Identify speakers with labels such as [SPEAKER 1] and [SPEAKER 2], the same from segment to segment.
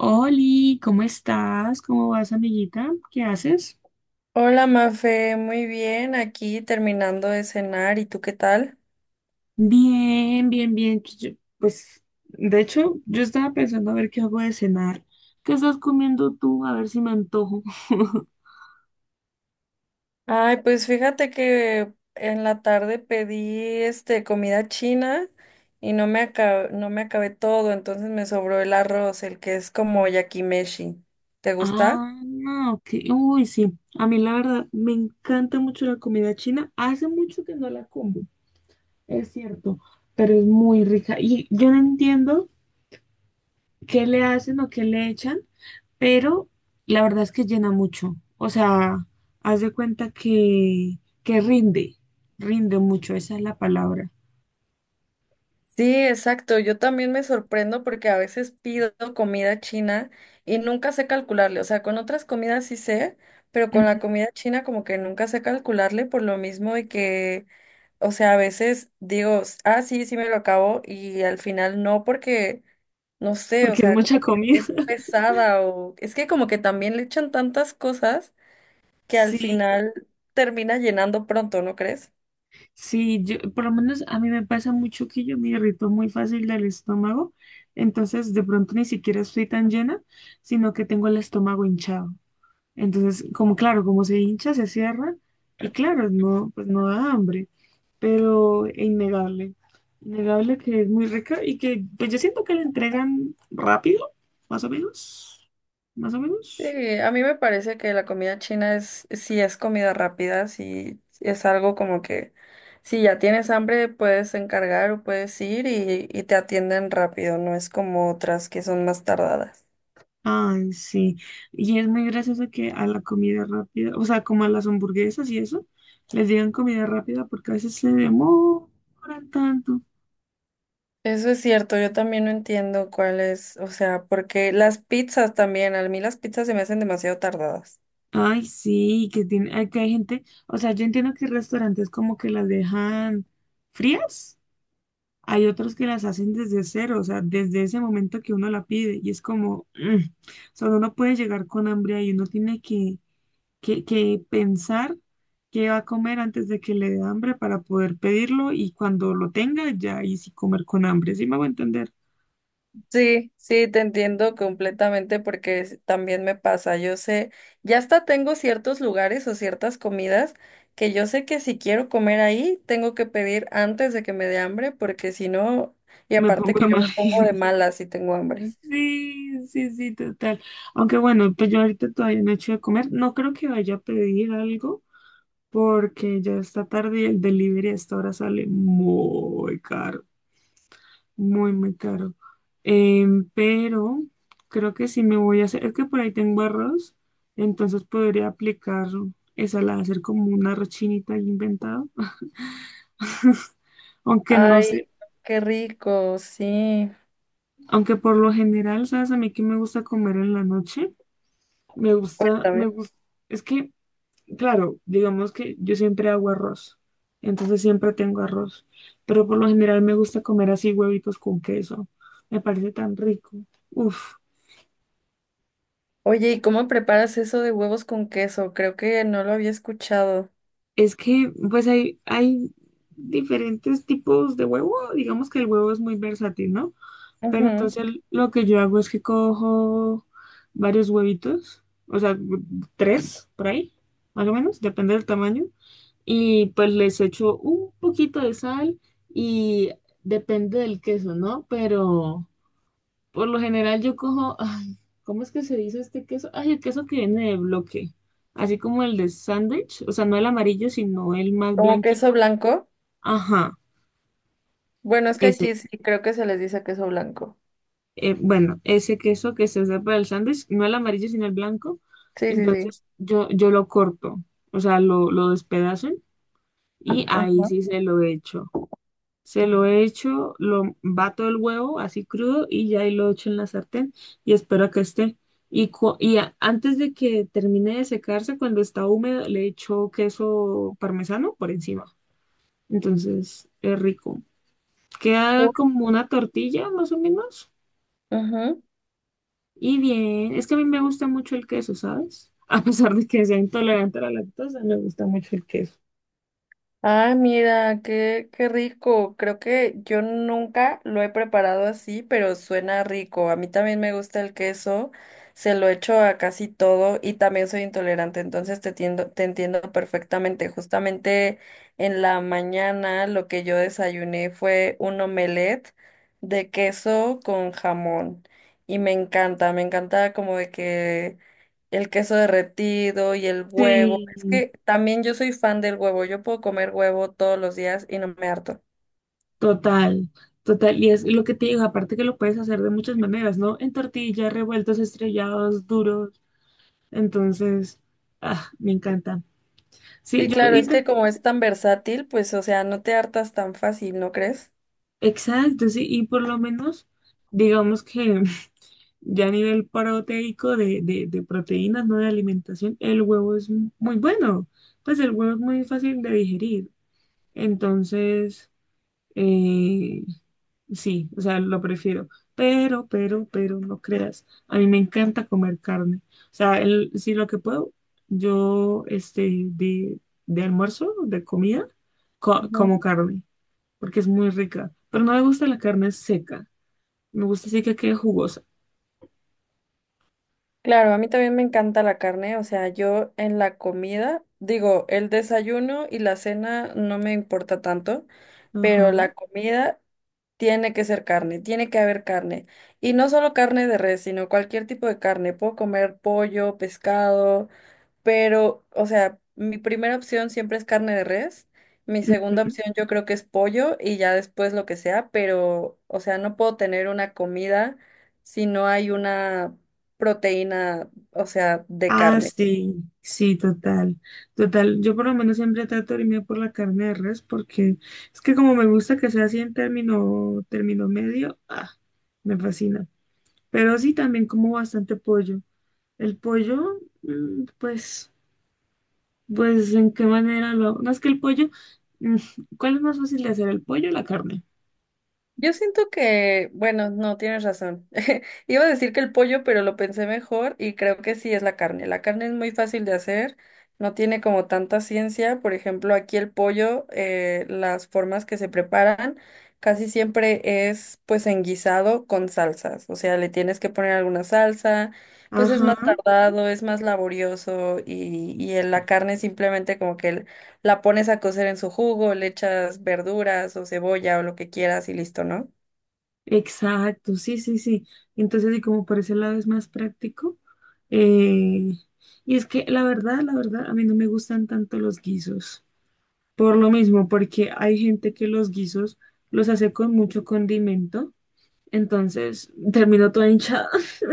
[SPEAKER 1] Oli, ¿cómo estás? ¿Cómo vas, amiguita? ¿Qué haces?
[SPEAKER 2] Hola Mafe, muy bien, aquí terminando de cenar, ¿y tú qué tal?
[SPEAKER 1] Bien, bien, bien. Pues, de hecho, yo estaba pensando a ver qué hago de cenar. ¿Qué estás comiendo tú? A ver si me antojo.
[SPEAKER 2] Ay, pues fíjate que en la tarde pedí comida china y no me acabé todo, entonces me sobró el arroz, el que es como yakimeshi. ¿Te gusta?
[SPEAKER 1] Ah, no, ok. Uy, sí. A mí la verdad me encanta mucho la comida china. Hace mucho que no la como, es cierto, pero es muy rica. Y yo no entiendo qué le hacen o qué le echan, pero la verdad es que llena mucho. O sea, haz de cuenta que, rinde, rinde mucho, esa es la palabra.
[SPEAKER 2] Sí, exacto. Yo también me sorprendo porque a veces pido comida china y nunca sé calcularle. O sea, con otras comidas sí sé, pero con
[SPEAKER 1] Ujú.
[SPEAKER 2] la comida china como que nunca sé calcularle por lo mismo de que. O sea, a veces digo, ah, sí, sí me lo acabo y al final no porque, no sé, o
[SPEAKER 1] Porque es
[SPEAKER 2] sea,
[SPEAKER 1] mucha
[SPEAKER 2] como que
[SPEAKER 1] comida.
[SPEAKER 2] es pesada o es que como que también le echan tantas cosas que al
[SPEAKER 1] Sí,
[SPEAKER 2] final termina llenando pronto, ¿no crees?
[SPEAKER 1] sí, yo, por lo menos a mí me pasa mucho que yo me irrito muy fácil del estómago, entonces de pronto ni siquiera estoy tan llena, sino que tengo el estómago hinchado. Entonces, como claro, como se hincha, se cierra y claro, no, pues no da hambre, pero es innegable, innegable que es muy rica y que pues yo siento que la entregan rápido, más o menos, más o menos.
[SPEAKER 2] Sí, a mí me parece que la comida china es, si es comida rápida, si es algo como que si ya tienes hambre puedes encargar o puedes ir y te atienden rápido, no es como otras que son más tardadas.
[SPEAKER 1] Ay, sí. Y es muy gracioso que a la comida rápida, o sea, como a las hamburguesas y eso, les digan comida rápida porque a veces se demoran tanto.
[SPEAKER 2] Eso es cierto, yo también no entiendo cuál es, o sea, porque las pizzas también, a mí las pizzas se me hacen demasiado tardadas.
[SPEAKER 1] Ay, sí, que tiene, ay, que hay gente, o sea, yo entiendo que restaurantes como que las dejan frías, hay otros que las hacen desde cero, o sea, desde ese momento que uno la pide, y es como, o sea, uno no puede llegar con hambre ahí, uno tiene que, que pensar qué va a comer antes de que le dé hambre para poder pedirlo, y cuando lo tenga, ya ahí sí comer con hambre. ¿Sí me voy a entender?
[SPEAKER 2] Sí, sí, te entiendo completamente porque también me pasa, yo sé, ya hasta tengo ciertos lugares o ciertas comidas que yo sé que si quiero comer ahí, tengo que pedir antes de que me dé hambre porque si no, y
[SPEAKER 1] Me
[SPEAKER 2] aparte
[SPEAKER 1] pongo
[SPEAKER 2] que
[SPEAKER 1] de
[SPEAKER 2] yo
[SPEAKER 1] mal
[SPEAKER 2] me pongo de
[SPEAKER 1] genio.
[SPEAKER 2] malas si tengo hambre.
[SPEAKER 1] Sí, sí, sí, total. Aunque bueno, pues yo ahorita todavía no he hecho de comer. No creo que vaya a pedir algo porque ya está tarde y el delivery a esta hora sale muy caro, muy, muy caro. Pero creo que sí me voy a hacer, es que por ahí tengo arroz, entonces podría aplicar esa, la hacer como una arroz chinita ahí inventado. Aunque no sé,
[SPEAKER 2] Ay, qué rico, sí.
[SPEAKER 1] aunque por lo general, ¿sabes? A mí que me gusta comer en la noche, me
[SPEAKER 2] Cuéntame.
[SPEAKER 1] gusta, es que... Claro, digamos que yo siempre hago arroz, entonces siempre tengo arroz, pero por lo general me gusta comer así huevitos con queso, me parece tan rico. Uf,
[SPEAKER 2] Oye, ¿y cómo preparas eso de huevos con queso? Creo que no lo había escuchado.
[SPEAKER 1] es que pues hay diferentes tipos de huevo, digamos que el huevo es muy versátil, ¿no? Pero
[SPEAKER 2] Ujú.
[SPEAKER 1] entonces lo que yo hago es que cojo varios huevitos, o sea, tres por ahí, más o menos, depende del tamaño. Y pues les echo un poquito de sal y depende del queso, ¿no? Pero por lo general yo cojo, ay, ¿cómo es que se dice este queso? Ay, el queso que viene de bloque, así como el de sándwich, o sea, no el amarillo, sino el más
[SPEAKER 2] ¿Como queso
[SPEAKER 1] blanquito.
[SPEAKER 2] blanco?
[SPEAKER 1] Ajá,
[SPEAKER 2] Bueno, es que
[SPEAKER 1] ese.
[SPEAKER 2] aquí sí creo que se les dice queso blanco.
[SPEAKER 1] Bueno, ese queso que se usa para el sándwich, no el amarillo, sino el blanco.
[SPEAKER 2] Sí, sí, sí.
[SPEAKER 1] Entonces yo lo corto, o sea, lo despedazo y ahí
[SPEAKER 2] Ajá.
[SPEAKER 1] sí se lo echo. Se lo echo, lo bato el huevo así crudo y ya ahí lo echo en la sartén y espero a que esté. Y, antes de que termine de secarse, cuando está húmedo, le echo queso parmesano por encima. Entonces es rico. Queda
[SPEAKER 2] Uy.
[SPEAKER 1] como una tortilla más o menos.
[SPEAKER 2] Ujú.
[SPEAKER 1] Y bien, es que a mí me gusta mucho el queso, ¿sabes? A pesar de que sea intolerante a la lactosa, me gusta mucho el queso.
[SPEAKER 2] Ah, mira, qué, qué rico. Creo que yo nunca lo he preparado así, pero suena rico. A mí también me gusta el queso, se lo echo a casi todo y también soy intolerante, entonces te entiendo perfectamente. Justamente en la mañana lo que yo desayuné fue un omelette de queso con jamón y me encanta como de que el queso derretido y el huevo.
[SPEAKER 1] Sí,
[SPEAKER 2] Es que también yo soy fan del huevo. Yo puedo comer huevo todos los días y no me harto.
[SPEAKER 1] total, total. Y es lo que te digo, aparte que lo puedes hacer de muchas maneras, ¿no? En tortillas, revueltos, estrellados, duros. Entonces, ah, me encanta. Sí,
[SPEAKER 2] Y
[SPEAKER 1] yo
[SPEAKER 2] claro, es que
[SPEAKER 1] intento,
[SPEAKER 2] como es tan versátil, pues, o sea, no te hartas tan fácil, ¿no crees?
[SPEAKER 1] exacto, sí, y por lo menos, digamos que ya a nivel proteico de, de proteínas, no de alimentación, el huevo es muy bueno. Pues el huevo es muy fácil de digerir. Entonces, eh, sí, o sea, lo prefiero. Pero, pero, no creas. A mí me encanta comer carne. O sea, si lo que puedo, yo, de almuerzo, de comida,
[SPEAKER 2] Ujú.
[SPEAKER 1] como carne, porque es muy rica. Pero no me gusta la carne seca. Me gusta así que quede jugosa.
[SPEAKER 2] Claro, a mí también me encanta la carne, o sea, yo en la comida, digo, el desayuno y la cena no me importa tanto,
[SPEAKER 1] Ajá.
[SPEAKER 2] pero la comida tiene que ser carne, tiene que haber carne. Y no solo carne de res, sino cualquier tipo de carne. Puedo comer pollo, pescado, pero, o sea, mi primera opción siempre es carne de res, mi segunda
[SPEAKER 1] Ujú.
[SPEAKER 2] opción yo creo que es pollo y ya después lo que sea, pero, o sea, no puedo tener una comida si no hay una proteína, o sea, de
[SPEAKER 1] Ah,
[SPEAKER 2] carne.
[SPEAKER 1] sí, sí, total, total. Yo por lo menos siempre trato de irme por la carne de res porque es que como me gusta que sea así en término, término medio, ah, me fascina. Pero sí, también como bastante pollo. El pollo, mm, pues, pues, ¿en qué manera lo hago? No es que el pollo, mm, ¿cuál es más fácil de hacer, el pollo o la carne?
[SPEAKER 2] Yo siento que, bueno, no, tienes razón. Iba a decir que el pollo, pero lo pensé mejor y creo que sí es la carne. La carne es muy fácil de hacer, no tiene como tanta ciencia. Por ejemplo, aquí el pollo, las formas que se preparan casi siempre es pues en guisado con salsas. O sea, le tienes que poner alguna salsa, pues es más
[SPEAKER 1] Ajá.
[SPEAKER 2] tardado, es más laborioso y en la carne simplemente como que la pones a cocer en su jugo, le echas verduras o cebolla o lo que quieras y listo, ¿no?
[SPEAKER 1] Exacto, sí, sí, sí. Entonces, y como por ese lado es más práctico. eh, y es que la verdad, a mí no me gustan tanto los guisos. Por lo mismo, porque hay gente que los guisos los hace con mucho condimento. Entonces, termino toda hinchada.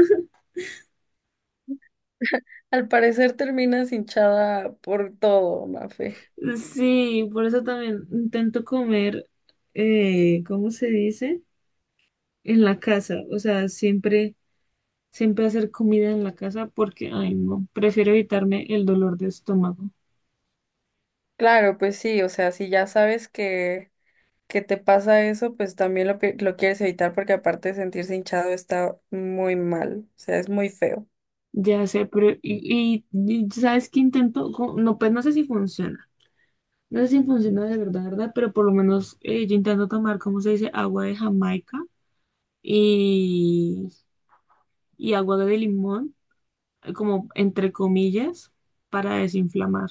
[SPEAKER 2] Al parecer terminas hinchada por todo, Mafe.
[SPEAKER 1] Sí, por eso también intento comer, ¿cómo se dice? En la casa. O sea, siempre, siempre hacer comida en la casa porque, ay, no, prefiero evitarme el dolor de estómago.
[SPEAKER 2] Claro, pues sí, o sea, si ya sabes que te pasa eso, pues también lo quieres evitar porque aparte de sentirse hinchado está muy mal, o sea, es muy feo.
[SPEAKER 1] Ya sé, pero y sabes que intento, no, pues no sé si funciona, no sé si funciona de verdad, verdad, pero por lo menos yo intento tomar, ¿cómo se dice? Agua de Jamaica y, y agua de limón, como entre comillas, para desinflamar.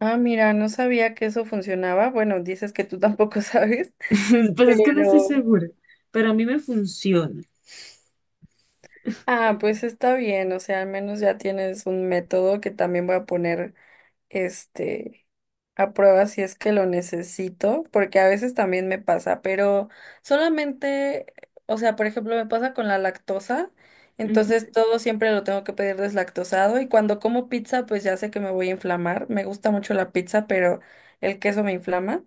[SPEAKER 2] Ah, mira, no sabía que eso funcionaba. Bueno, dices que tú tampoco sabes,
[SPEAKER 1] Pues es que no estoy
[SPEAKER 2] pero...
[SPEAKER 1] segura, pero a mí me funciona.
[SPEAKER 2] Ah, pues está bien, o sea, al menos ya tienes un método que también voy a poner este, a prueba si es que lo necesito, porque a veces también me pasa, pero solamente, o sea, por ejemplo, me pasa con la lactosa,
[SPEAKER 1] Ujú.
[SPEAKER 2] entonces todo siempre lo tengo que pedir deslactosado y cuando como pizza, pues ya sé que me voy a inflamar, me gusta mucho la pizza, pero el queso me inflama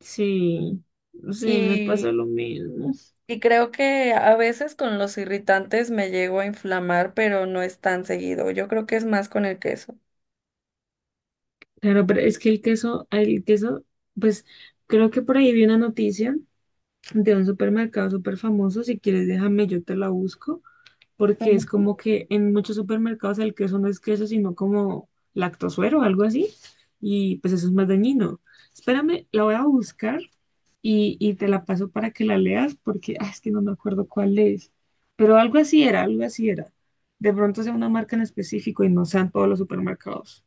[SPEAKER 1] Sí, sí, me pasa
[SPEAKER 2] y...
[SPEAKER 1] lo mismo.
[SPEAKER 2] Y creo que a veces con los irritantes me llego a inflamar, pero no es tan seguido. Yo creo que es más con el queso.
[SPEAKER 1] Claro, pero es que el queso, pues creo que por ahí vi una noticia de un supermercado súper famoso. Si quieres, déjame, yo te la busco, porque es
[SPEAKER 2] Ujú.
[SPEAKER 1] como que en muchos supermercados el queso no es queso, sino como lactosuero o algo así, y pues eso es más dañino. Espérame, la voy a buscar y te la paso para que la leas, porque ah, es que no me acuerdo cuál es, pero algo así era, algo así era. De pronto sea una marca en específico y no sean todos los supermercados.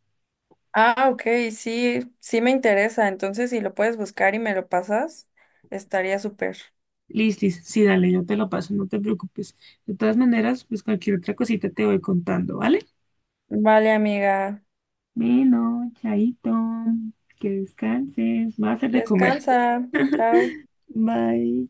[SPEAKER 2] Ah, ok, sí, sí me interesa. Entonces, si lo puedes buscar y me lo pasas, estaría súper.
[SPEAKER 1] Listis, sí, dale, yo te lo paso, no te preocupes. De todas maneras, pues cualquier otra cosita te voy contando, ¿vale?
[SPEAKER 2] Vale, amiga.
[SPEAKER 1] Bueno, chaito, que descanses, va a hacer de comer.
[SPEAKER 2] Descansa. Chao.
[SPEAKER 1] Bye.